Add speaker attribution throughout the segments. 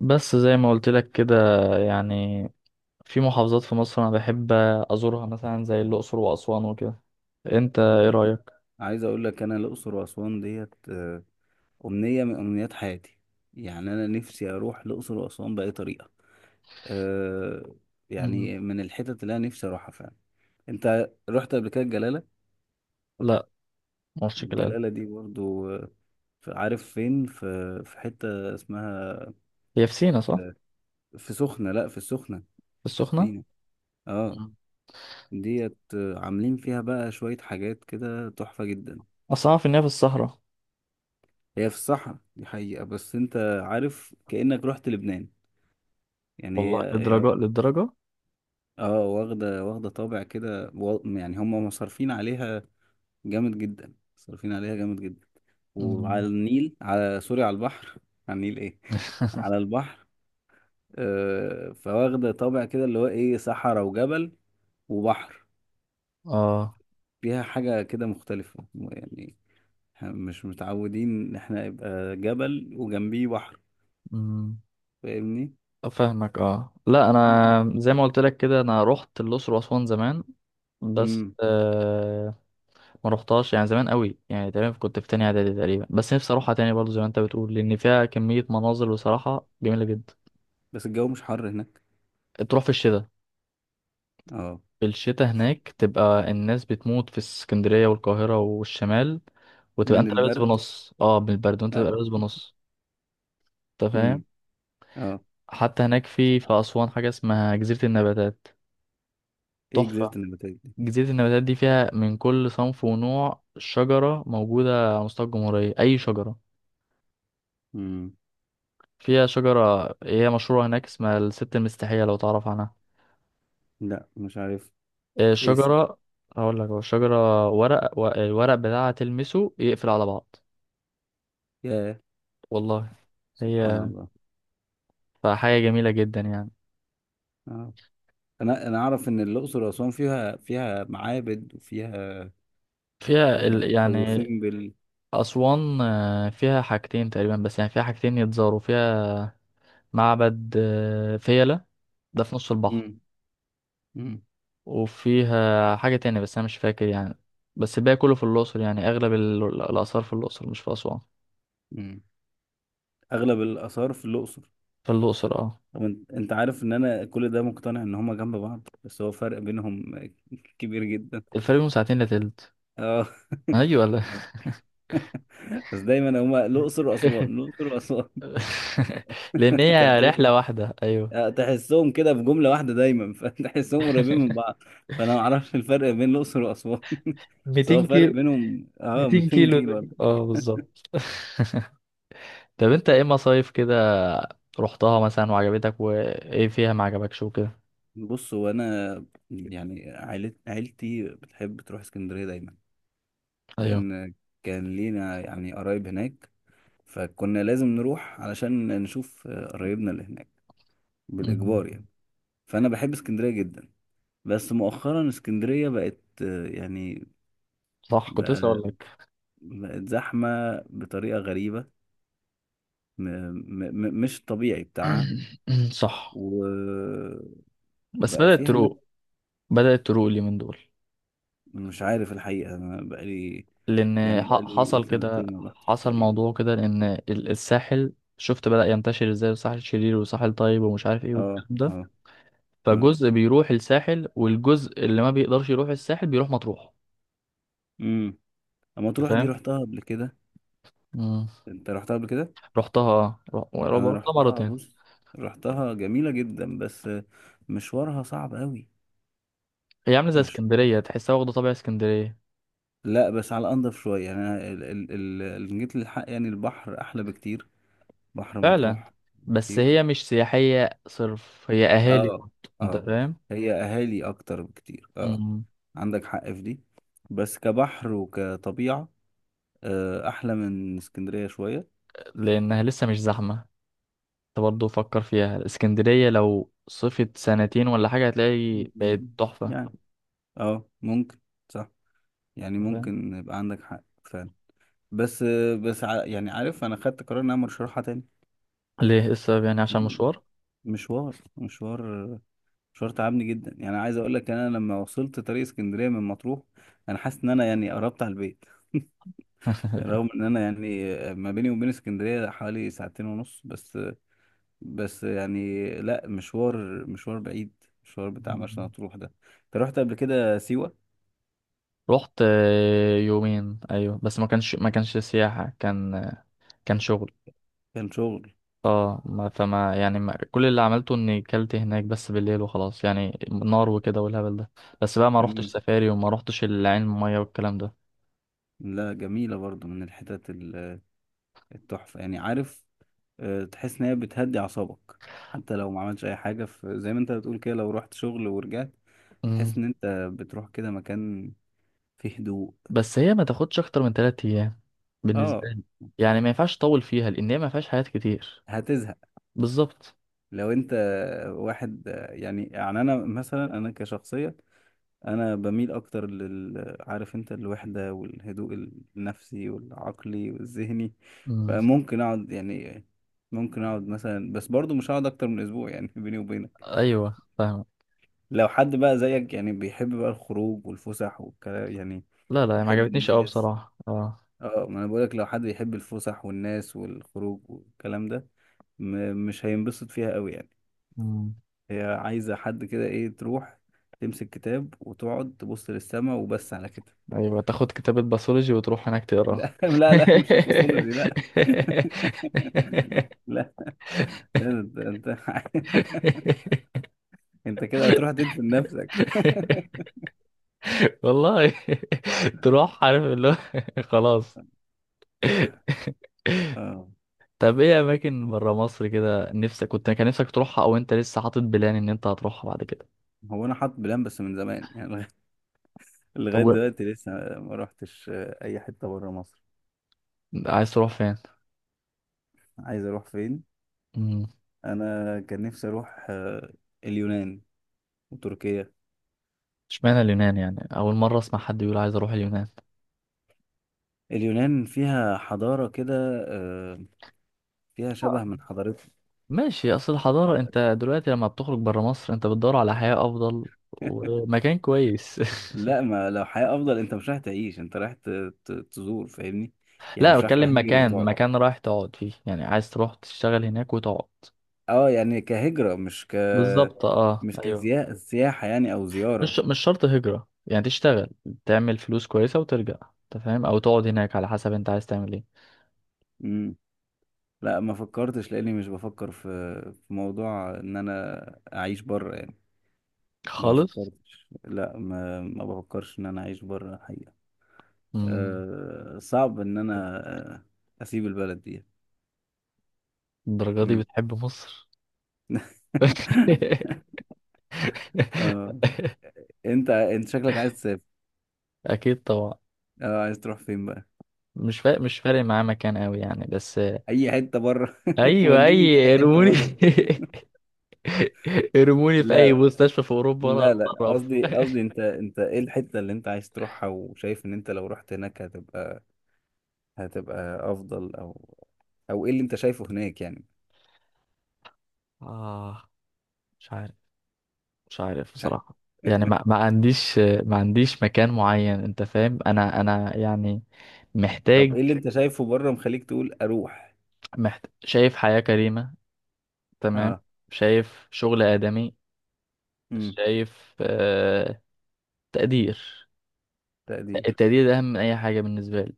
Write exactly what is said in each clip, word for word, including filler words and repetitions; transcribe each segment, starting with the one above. Speaker 1: بس زي ما قلت لك كده، يعني في محافظات في مصر انا بحب ازورها، مثلا زي الاقصر واسوان وكده. انت ايه رايك؟
Speaker 2: عايز اقول لك انا الاقصر واسوان ديت آه، امنيه من امنيات حياتي. يعني انا نفسي اروح الاقصر واسوان باي طريقه. أه،
Speaker 1: مم.
Speaker 2: يعني من الحتت اللي انا نفسي اروحها فعلا. انت رحت قبل كده الجلاله؟
Speaker 1: لا، مرش كده.
Speaker 2: الجلاله دي برضو آه، في- عارف فين في في حته اسمها.
Speaker 1: هي في سينا صح؟
Speaker 2: آه، في سخنه، لا في السخنه.
Speaker 1: في
Speaker 2: مش في
Speaker 1: السخنه.
Speaker 2: سينا. اه.
Speaker 1: مم.
Speaker 2: ديت آه، عاملين فيها بقى شويه حاجات كده تحفه جدا.
Speaker 1: اصلا أعرف ان هي في الصحراء.
Speaker 2: هي في الصحراء دي حقيقة، بس انت عارف كأنك رحت لبنان. يعني
Speaker 1: والله
Speaker 2: هي هي.
Speaker 1: للدرجه للدرجه.
Speaker 2: اه، واخدة واخدة طابع كده و- يعني هم مصرفين عليها جامد جدا، مصرفين عليها جامد جدا.
Speaker 1: مم.
Speaker 2: وعلى النيل، على سوري، على البحر. على النيل، ايه، على البحر. آه، فواخدة طابع كده اللي هو ايه، صحراء وجبل وبحر.
Speaker 1: اه،
Speaker 2: فيها حاجة كده مختلفة يعني. إحنا مش متعودين ان احنا يبقى جبل وجنبيه بحر.
Speaker 1: امم.
Speaker 2: فاهمني؟
Speaker 1: فاهمك اه، لا
Speaker 2: مم.
Speaker 1: انا زي ما قلت لك كده، انا رحت الاقصر واسوان زمان، بس
Speaker 2: مم.
Speaker 1: آه ما رحتهاش، يعني زمان قوي، يعني تقريبا كنت في تانية اعدادي تقريبا. بس نفسي اروحها تاني برضو زي ما انت بتقول، لان فيها كمية مناظر بصراحة جميلة جدا.
Speaker 2: بس الجو مش حر هناك؟
Speaker 1: تروح في الشتاء.
Speaker 2: اه،
Speaker 1: في الشتاء هناك تبقى الناس بتموت في اسكندرية والقاهرة والشمال، وتبقى
Speaker 2: من
Speaker 1: انت لابس
Speaker 2: البرد.
Speaker 1: بنص، اه من البرد، وانت تبقى
Speaker 2: اه.
Speaker 1: لابس بنص. انت فاهم؟
Speaker 2: امم. اه،
Speaker 1: حتى هناك في في اسوان حاجة اسمها جزيرة النباتات،
Speaker 2: ايه جزيرة
Speaker 1: تحفة.
Speaker 2: النباتات دي؟
Speaker 1: جزيرة النباتات دي فيها من كل صنف ونوع شجرة موجودة على مستوى الجمهورية، أي شجرة.
Speaker 2: امم.
Speaker 1: فيها شجرة، إيه هي مشهورة هناك، اسمها الست المستحية، لو تعرف عنها.
Speaker 2: لا مش عارف.
Speaker 1: آه،
Speaker 2: ايه سي؟
Speaker 1: شجرة، هقول لك. هو شجرة ورق، و- الورق بتاعها تلمسه يقفل على بعض.
Speaker 2: يا
Speaker 1: والله.
Speaker 2: سبحان
Speaker 1: هي،
Speaker 2: الله.
Speaker 1: فحاجة جميلة جدا يعني.
Speaker 2: اه، انا انا اعرف ان الاقصر واسوان فيها فيها معابد وفيها،
Speaker 1: فيها
Speaker 2: فيها
Speaker 1: ال...
Speaker 2: ابو
Speaker 1: يعني،
Speaker 2: سمبل.
Speaker 1: أسوان آه، فيها حاجتين تقريبا، بس يعني فيها حاجتين يتزاروا فيها. معبد آه، فيلة، ده في نص البحر.
Speaker 2: امم. امم.
Speaker 1: وفيها حاجة تانية بس أنا مش فاكر يعني. بس الباقي كله في الأقصر، يعني أغلب ال- الآثار في الأقصر مش في أسوان.
Speaker 2: امم. اغلب الاثار في الاقصر.
Speaker 1: في الأقصر اه.
Speaker 2: طب انت، أنت عارف ان انا كل ده مقتنع ان هما جنب بعض، بس هو فرق بينهم كبير جدا.
Speaker 1: الفرق بينهم ساعتين، لا تلت.
Speaker 2: اه.
Speaker 1: ايوه ولا؟
Speaker 2: بس دايما هما الاقصر واسوان، الاقصر واسوان.
Speaker 1: لان
Speaker 2: انت
Speaker 1: هي
Speaker 2: هتقول-
Speaker 1: رحله واحده، ايوه.
Speaker 2: تحسهم كده في جملة واحدة دايما، فتحسهم قريبين من بعض. فانا ما اعرفش الفرق بين الاقصر واسوان بس هو
Speaker 1: ميتين
Speaker 2: فرق
Speaker 1: كيلو.
Speaker 2: بينهم اه
Speaker 1: ميتين
Speaker 2: مئتين
Speaker 1: كيلو
Speaker 2: كيلو
Speaker 1: دول،
Speaker 2: ولا؟
Speaker 1: اه بالظبط. طب انت ايه مصايف كده رحتها مثلا وعجبتك، وايه فيها ما عجبكش، وكده؟
Speaker 2: بص، هو انا يعني عائلة عيلتي بتحب تروح اسكندرية دايما،
Speaker 1: ايوه.
Speaker 2: لان كان لينا يعني قرايب هناك، فكنا لازم نروح علشان نشوف قرايبنا اللي هناك،
Speaker 1: أمم.
Speaker 2: بالاجبار يعني. فانا بحب اسكندرية جدا. بس مؤخرا اسكندرية بقت آه، يعني
Speaker 1: صح، كنت لسه اقول
Speaker 2: بقى،
Speaker 1: لك.
Speaker 2: بقت زحمة بطريقة غريبة. م م م مش الطبيعي بتاعها.
Speaker 1: صح،
Speaker 2: وبقى
Speaker 1: بس بدأت
Speaker 2: فيها ناس.
Speaker 1: تروق. بدأت تروق اليومين دول.
Speaker 2: مش عارف الحقيقة، أنا بقالي،
Speaker 1: لان
Speaker 2: يعني
Speaker 1: ح-
Speaker 2: بقالي
Speaker 1: حصل كده.
Speaker 2: سنتين ما رحتش
Speaker 1: حصل
Speaker 2: تقريبا.
Speaker 1: موضوع كده، لان ال- الساحل شفت بدأ ينتشر ازاي، الساحل شرير وساحل طيب ومش عارف ايه
Speaker 2: اه.
Speaker 1: والكلام ده.
Speaker 2: اه. اه.
Speaker 1: فجزء بيروح الساحل، والجزء اللي ما بيقدرش يروح الساحل بيروح مطروح.
Speaker 2: امم. اما
Speaker 1: أنت
Speaker 2: تروح دي،
Speaker 1: فاهم؟
Speaker 2: رحتها قبل كده؟
Speaker 1: امم.
Speaker 2: انت رحتها قبل كده.
Speaker 1: رحتها آه. ر-
Speaker 2: انا
Speaker 1: رحتها
Speaker 2: رحتها،
Speaker 1: مرتين.
Speaker 2: بص، رحتها جميلة جدا، بس مشوارها صعب قوي.
Speaker 1: هي عامله زي
Speaker 2: مش،
Speaker 1: اسكندريه، تحسها واخده طابع اسكندريه.
Speaker 2: لا، بس على انضف شوية. يعني انا ال- ال- ال- اللي جيت للحق يعني البحر احلى بكتير، بحر
Speaker 1: فعلا.
Speaker 2: مطروح
Speaker 1: بس
Speaker 2: بكتير.
Speaker 1: هي مش سياحيه صرف، هي اهالي.
Speaker 2: اه.
Speaker 1: انت
Speaker 2: اه.
Speaker 1: فاهم؟
Speaker 2: هي اهالي اكتر بكتير، اه.
Speaker 1: مم.
Speaker 2: عندك حق في دي. بس كبحر وكطبيعة آه، احلى من اسكندرية شوية.
Speaker 1: لانها لسه مش زحمه. انت برضه فكر فيها، الاسكندرية لو صفت سنتين ولا حاجة هتلاقي بقت
Speaker 2: مم.
Speaker 1: تحفة.
Speaker 2: يعني اه ممكن. صح. يعني
Speaker 1: أنت فاهم؟
Speaker 2: ممكن يبقى عندك حق فعلا. بس آه، بس ع- يعني عارف، انا خدت قرار ان انا مش هروحها تاني.
Speaker 1: ليه، إيه السبب، يعني عشان
Speaker 2: مم.
Speaker 1: مشوار؟
Speaker 2: مشوار مشوار، مشوار تعبني جدا. يعني عايز اقول لك انا لما وصلت طريق اسكندرية من مطروح انا حاسس ان انا يعني قربت على البيت، رغم ان انا يعني ما بيني وبين اسكندريه حوالي ساعتين ونص بس. بس يعني لا، مشوار مشوار بعيد، مشوار بتاع مرسى
Speaker 1: مم.
Speaker 2: مطروح ده. انت رحت قبل كده سيوه؟
Speaker 1: رحت آه، يومين ايوه، بس ما كانش ما كانش سياحة، كان آه، كان شغل.
Speaker 2: كان شغل.
Speaker 1: اه، ما فما يعني، ما كل اللي عملته اني كلت هناك بس بالليل وخلاص، يعني نار وكده والهبل ده. بس بقى ما روحتش
Speaker 2: مم.
Speaker 1: سفاري وما روحتش العين المية والكلام ده.
Speaker 2: لا جميله برضو، من الحتت ال- التحفه. يعني عارف آه، تحس ان هي بتهدي اعصابك. حتى لو ما عملتش اي حاجه في زي ما انت بتقول كده، لو رحت شغل ورجعت
Speaker 1: مم.
Speaker 2: تحس ان انت بتروح كده مكان فيه هدوء.
Speaker 1: بس هي ما تاخدش اكتر من ثلاث ايام بالنسبة
Speaker 2: اه.
Speaker 1: لي. يعني ما ينفعش تطول فيها لان هي ما فيهاش حاجات كتير.
Speaker 2: هتزهق.
Speaker 1: بالظبط.
Speaker 2: لو انت واحد يعني، يعني انا مثلا انا كشخصية، انا بميل اكتر لل، عارف انت، الوحدة والهدوء النفسي والعقلي والذهني.
Speaker 1: مم.
Speaker 2: فممكن اقعد يعني، ممكن اقعد مثلا، بس برضو مش هقعد اكتر من اسبوع يعني بيني وبينك.
Speaker 1: ايوه فاهم.
Speaker 2: لو حد بقى زيك يعني، بيحب بقى الخروج والفسح والكلام يعني،
Speaker 1: لا، لا ما
Speaker 2: يحب
Speaker 1: عجبتنيش قوي
Speaker 2: الناس.
Speaker 1: بصراحه، اه.
Speaker 2: اه، ما انا بقولك لو حد يحب الفسح والناس والخروج والكلام ده، م- مش هينبسط فيها قوي يعني.
Speaker 1: مم.
Speaker 2: هي عايزة حد كده ايه، تروح تمسك كتاب وتقعد تبص للسما وبس، على كده.
Speaker 1: ايوه تاخد كتابة باثولوجي وتروح هناك تقراها.
Speaker 2: لا لا لا مش الباثولوجي لا. لا. لا انت انت انت كده هتروح تدفن نفسك.
Speaker 1: والله، تروح عارف اللي هو. خلاص.
Speaker 2: اه.
Speaker 1: طب ايه اماكن برا مصر كده نفسك، كنت كان نفسك تروحها او انت لسه حاطط بلان ان انت هتروحها بعد كده؟
Speaker 2: هو انا حاطط بلان بس من زمان، يعني لغاية،
Speaker 1: طب
Speaker 2: لغاية
Speaker 1: و...
Speaker 2: دلوقتي لسه ما روحتش آه، اي حتة بره مصر.
Speaker 1: عايز تروح فين؟
Speaker 2: عايز اروح فين؟
Speaker 1: امم.
Speaker 2: انا كان نفسي اروح آه، اليونان وتركيا.
Speaker 1: اشمعنى اليونان؟ يعني اول مره اسمع حد يقول عايز اروح اليونان.
Speaker 2: اليونان فيها حضارة كده آه، فيها شبه من حضارتنا.
Speaker 1: ماشي، اصل الحضارة. انت دلوقتي لما بتخرج برا مصر انت بتدور على حياة افضل ومكان كويس.
Speaker 2: لا، ما لو حياة أفضل أنت مش رايح تعيش، أنت رايح ت- ت- تزور، فاهمني؟ يعني
Speaker 1: لا انت
Speaker 2: مش رايح
Speaker 1: بتكلم
Speaker 2: تهاجر
Speaker 1: مكان
Speaker 2: وتقعد.
Speaker 1: مكان رايح تقعد فيه، يعني عايز تروح تشتغل هناك وتقعد.
Speaker 2: أه يعني كهجرة مش ك،
Speaker 1: بالظبط اه،
Speaker 2: مش
Speaker 1: ايوه.
Speaker 2: كسياحة يعني أو زيارة.
Speaker 1: مش مش شرط هجرة، يعني تشتغل، تعمل فلوس كويسة وترجع. انت فاهم؟ او تقعد هناك على حسب انت عايز تعمل ايه.
Speaker 2: مم. لا ما فكرتش، لأني مش بفكر في في موضوع إن أنا أعيش بره يعني. ما
Speaker 1: خالص.
Speaker 2: فكرتش، لا، ما ما بفكرش إن أنا أعيش بره الحقيقة.
Speaker 1: امم.
Speaker 2: أه صعب إن أنا آه، أسيب البلد دي.
Speaker 1: الدرجة دي
Speaker 2: مم.
Speaker 1: بتحب مصر؟
Speaker 2: أه. أنت أنت شكلك عايز تسافر.
Speaker 1: اكيد طبعا.
Speaker 2: أه، عايز تروح فين بقى؟
Speaker 1: مش فا... مش فارق معاه مكان قوي يعني، بس
Speaker 2: اي حته بره
Speaker 1: ايوه
Speaker 2: وديني في
Speaker 1: اي
Speaker 2: اي حته
Speaker 1: قرموني.
Speaker 2: بره.
Speaker 1: ارموني في
Speaker 2: لا.
Speaker 1: اي مستشفى في اوروبا انا
Speaker 2: لا لا
Speaker 1: هتصرف.
Speaker 2: قصدي، قصدي انت، انت ايه الحته اللي انت عايز تروحها وشايف ان انت لو رحت هناك هتبقى، هتبقى افضل، او او ايه اللي انت شايفه هناك يعني.
Speaker 1: اه مش عارف، مش عارف بصراحة. يعني ما, ما عنديش، ما عنديش مكان معين. انت فاهم؟ انا انا يعني
Speaker 2: طب
Speaker 1: محتاج،
Speaker 2: ايه اللي انت شايفه بره مخليك تقول اروح؟
Speaker 1: محت... شايف حياة كريمة، تمام.
Speaker 2: اه.
Speaker 1: شايف شغل آدمي.
Speaker 2: امم.
Speaker 1: شايف آه... تقدير.
Speaker 2: تقدير.
Speaker 1: التقدير ده اهم من اي حاجة بالنسبة لي.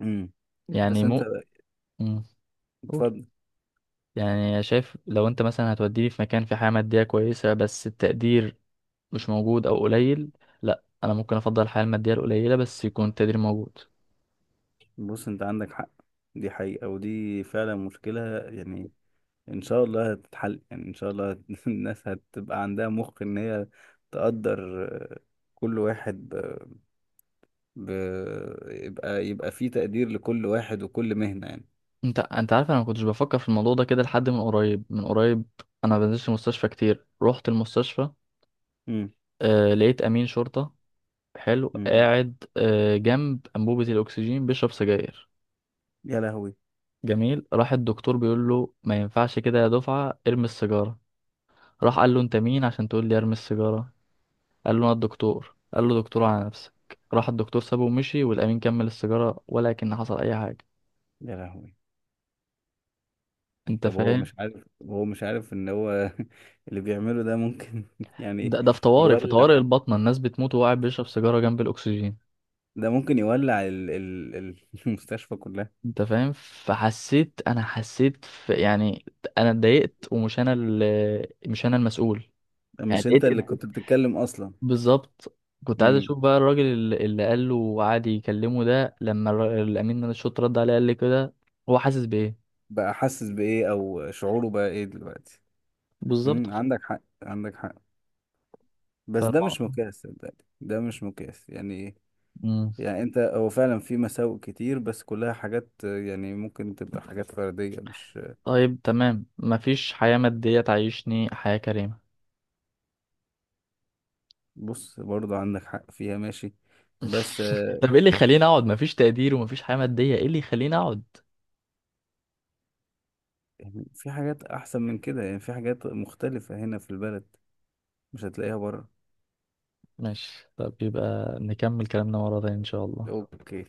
Speaker 2: امم.
Speaker 1: يعني
Speaker 2: بس انت،
Speaker 1: مو مم، قول.
Speaker 2: اتفضل.
Speaker 1: يعني شايف لو انت مثلا هتوديني في مكان في حياة مادية كويسة بس التقدير مش موجود او قليل، لا انا ممكن افضل الحياه الماديه القليله بس يكون التقدير موجود.
Speaker 2: بص، انت عندك حق، دي حقيقة، ودي فعلا مشكلة يعني. ان شاء الله هتتحل يعني، ان شاء الله هت- الناس هتبقى عندها مخ ان هي تقدر آه، كل واحد ب... ب... يبقى، يبقى في تقدير لكل واحد وكل مهنة يعني.
Speaker 1: انت انت عارف، انا ما كنتش بفكر في الموضوع ده كده لحد من قريب، من قريب. انا ما بنزلش المستشفى كتير. رحت المستشفى،
Speaker 2: امم.
Speaker 1: آه لقيت امين شرطه حلو
Speaker 2: امم.
Speaker 1: قاعد آه جنب انبوبه الاكسجين بيشرب سجاير.
Speaker 2: يا لهوي.
Speaker 1: جميل، راح الدكتور بيقول له ما ينفعش كده يا دفعه، ارمي السيجاره. راح قال له انت مين عشان تقول لي ارمي السيجاره، قال له انا الدكتور، قال له دكتور على نفسك. راح الدكتور سابه ومشي والأمين كمل السيجارة، ولكن حصل أي حاجة.
Speaker 2: يا لهوي.
Speaker 1: انت
Speaker 2: طب هو
Speaker 1: فاهم؟
Speaker 2: مش عارف؟ هو مش عارف ان هو اللي بيعمله ده ممكن يعني
Speaker 1: ده ده في طوارئ، في
Speaker 2: يولع؟
Speaker 1: طوارئ البطنه الناس بتموت وهو قاعد بيشرب سيجاره جنب الاكسجين.
Speaker 2: ده ممكن يولع ال... ال... ال- المستشفى كلها.
Speaker 1: انت فاهم؟ فحسيت، انا حسيت في يعني، انا اتضايقت ومش انا ال- مش انا المسؤول. يعني
Speaker 2: مش انت
Speaker 1: اتضايقت
Speaker 2: اللي
Speaker 1: اتضايقت.
Speaker 2: كنت بتتكلم اصلا؟
Speaker 1: بالظبط. كنت عايز
Speaker 2: امم.
Speaker 1: اشوف بقى الراجل اللي اللي قال له وقعد يكلمه ده، لما الر- الامين من الشرطه رد عليه قال لي كده، هو حاسس بايه.
Speaker 2: بقى حاسس بايه، او شعوره بقى ايه دلوقتي؟
Speaker 1: بالظبط
Speaker 2: امم.
Speaker 1: ف-
Speaker 2: عندك حق عندك حق. بس ده مش
Speaker 1: فالم...
Speaker 2: مقياس، صدقني ده مش مقياس يعني إيه؟
Speaker 1: مم.
Speaker 2: يعني انت، هو فعلا في مساوئ كتير، بس كلها حاجات آه، يعني ممكن تبقى حاجات فردية مش.
Speaker 1: طيب تمام، مفيش حياه ماديه تعيشني حياه كريمه.
Speaker 2: بص برضه عندك حق فيها، ماشي. بس آه،
Speaker 1: طب ايه اللي يخليني اقعد مفيش تقدير ومفيش حياة مادية، ايه اللي يخليني اقعد.
Speaker 2: يعني في حاجات احسن من كده، يعني في حاجات مختلفة هنا في البلد مش هتلاقيها بره.
Speaker 1: ماشي، طب يبقى نكمل كلامنا مرة تانية ان شاء الله.
Speaker 2: اوكي.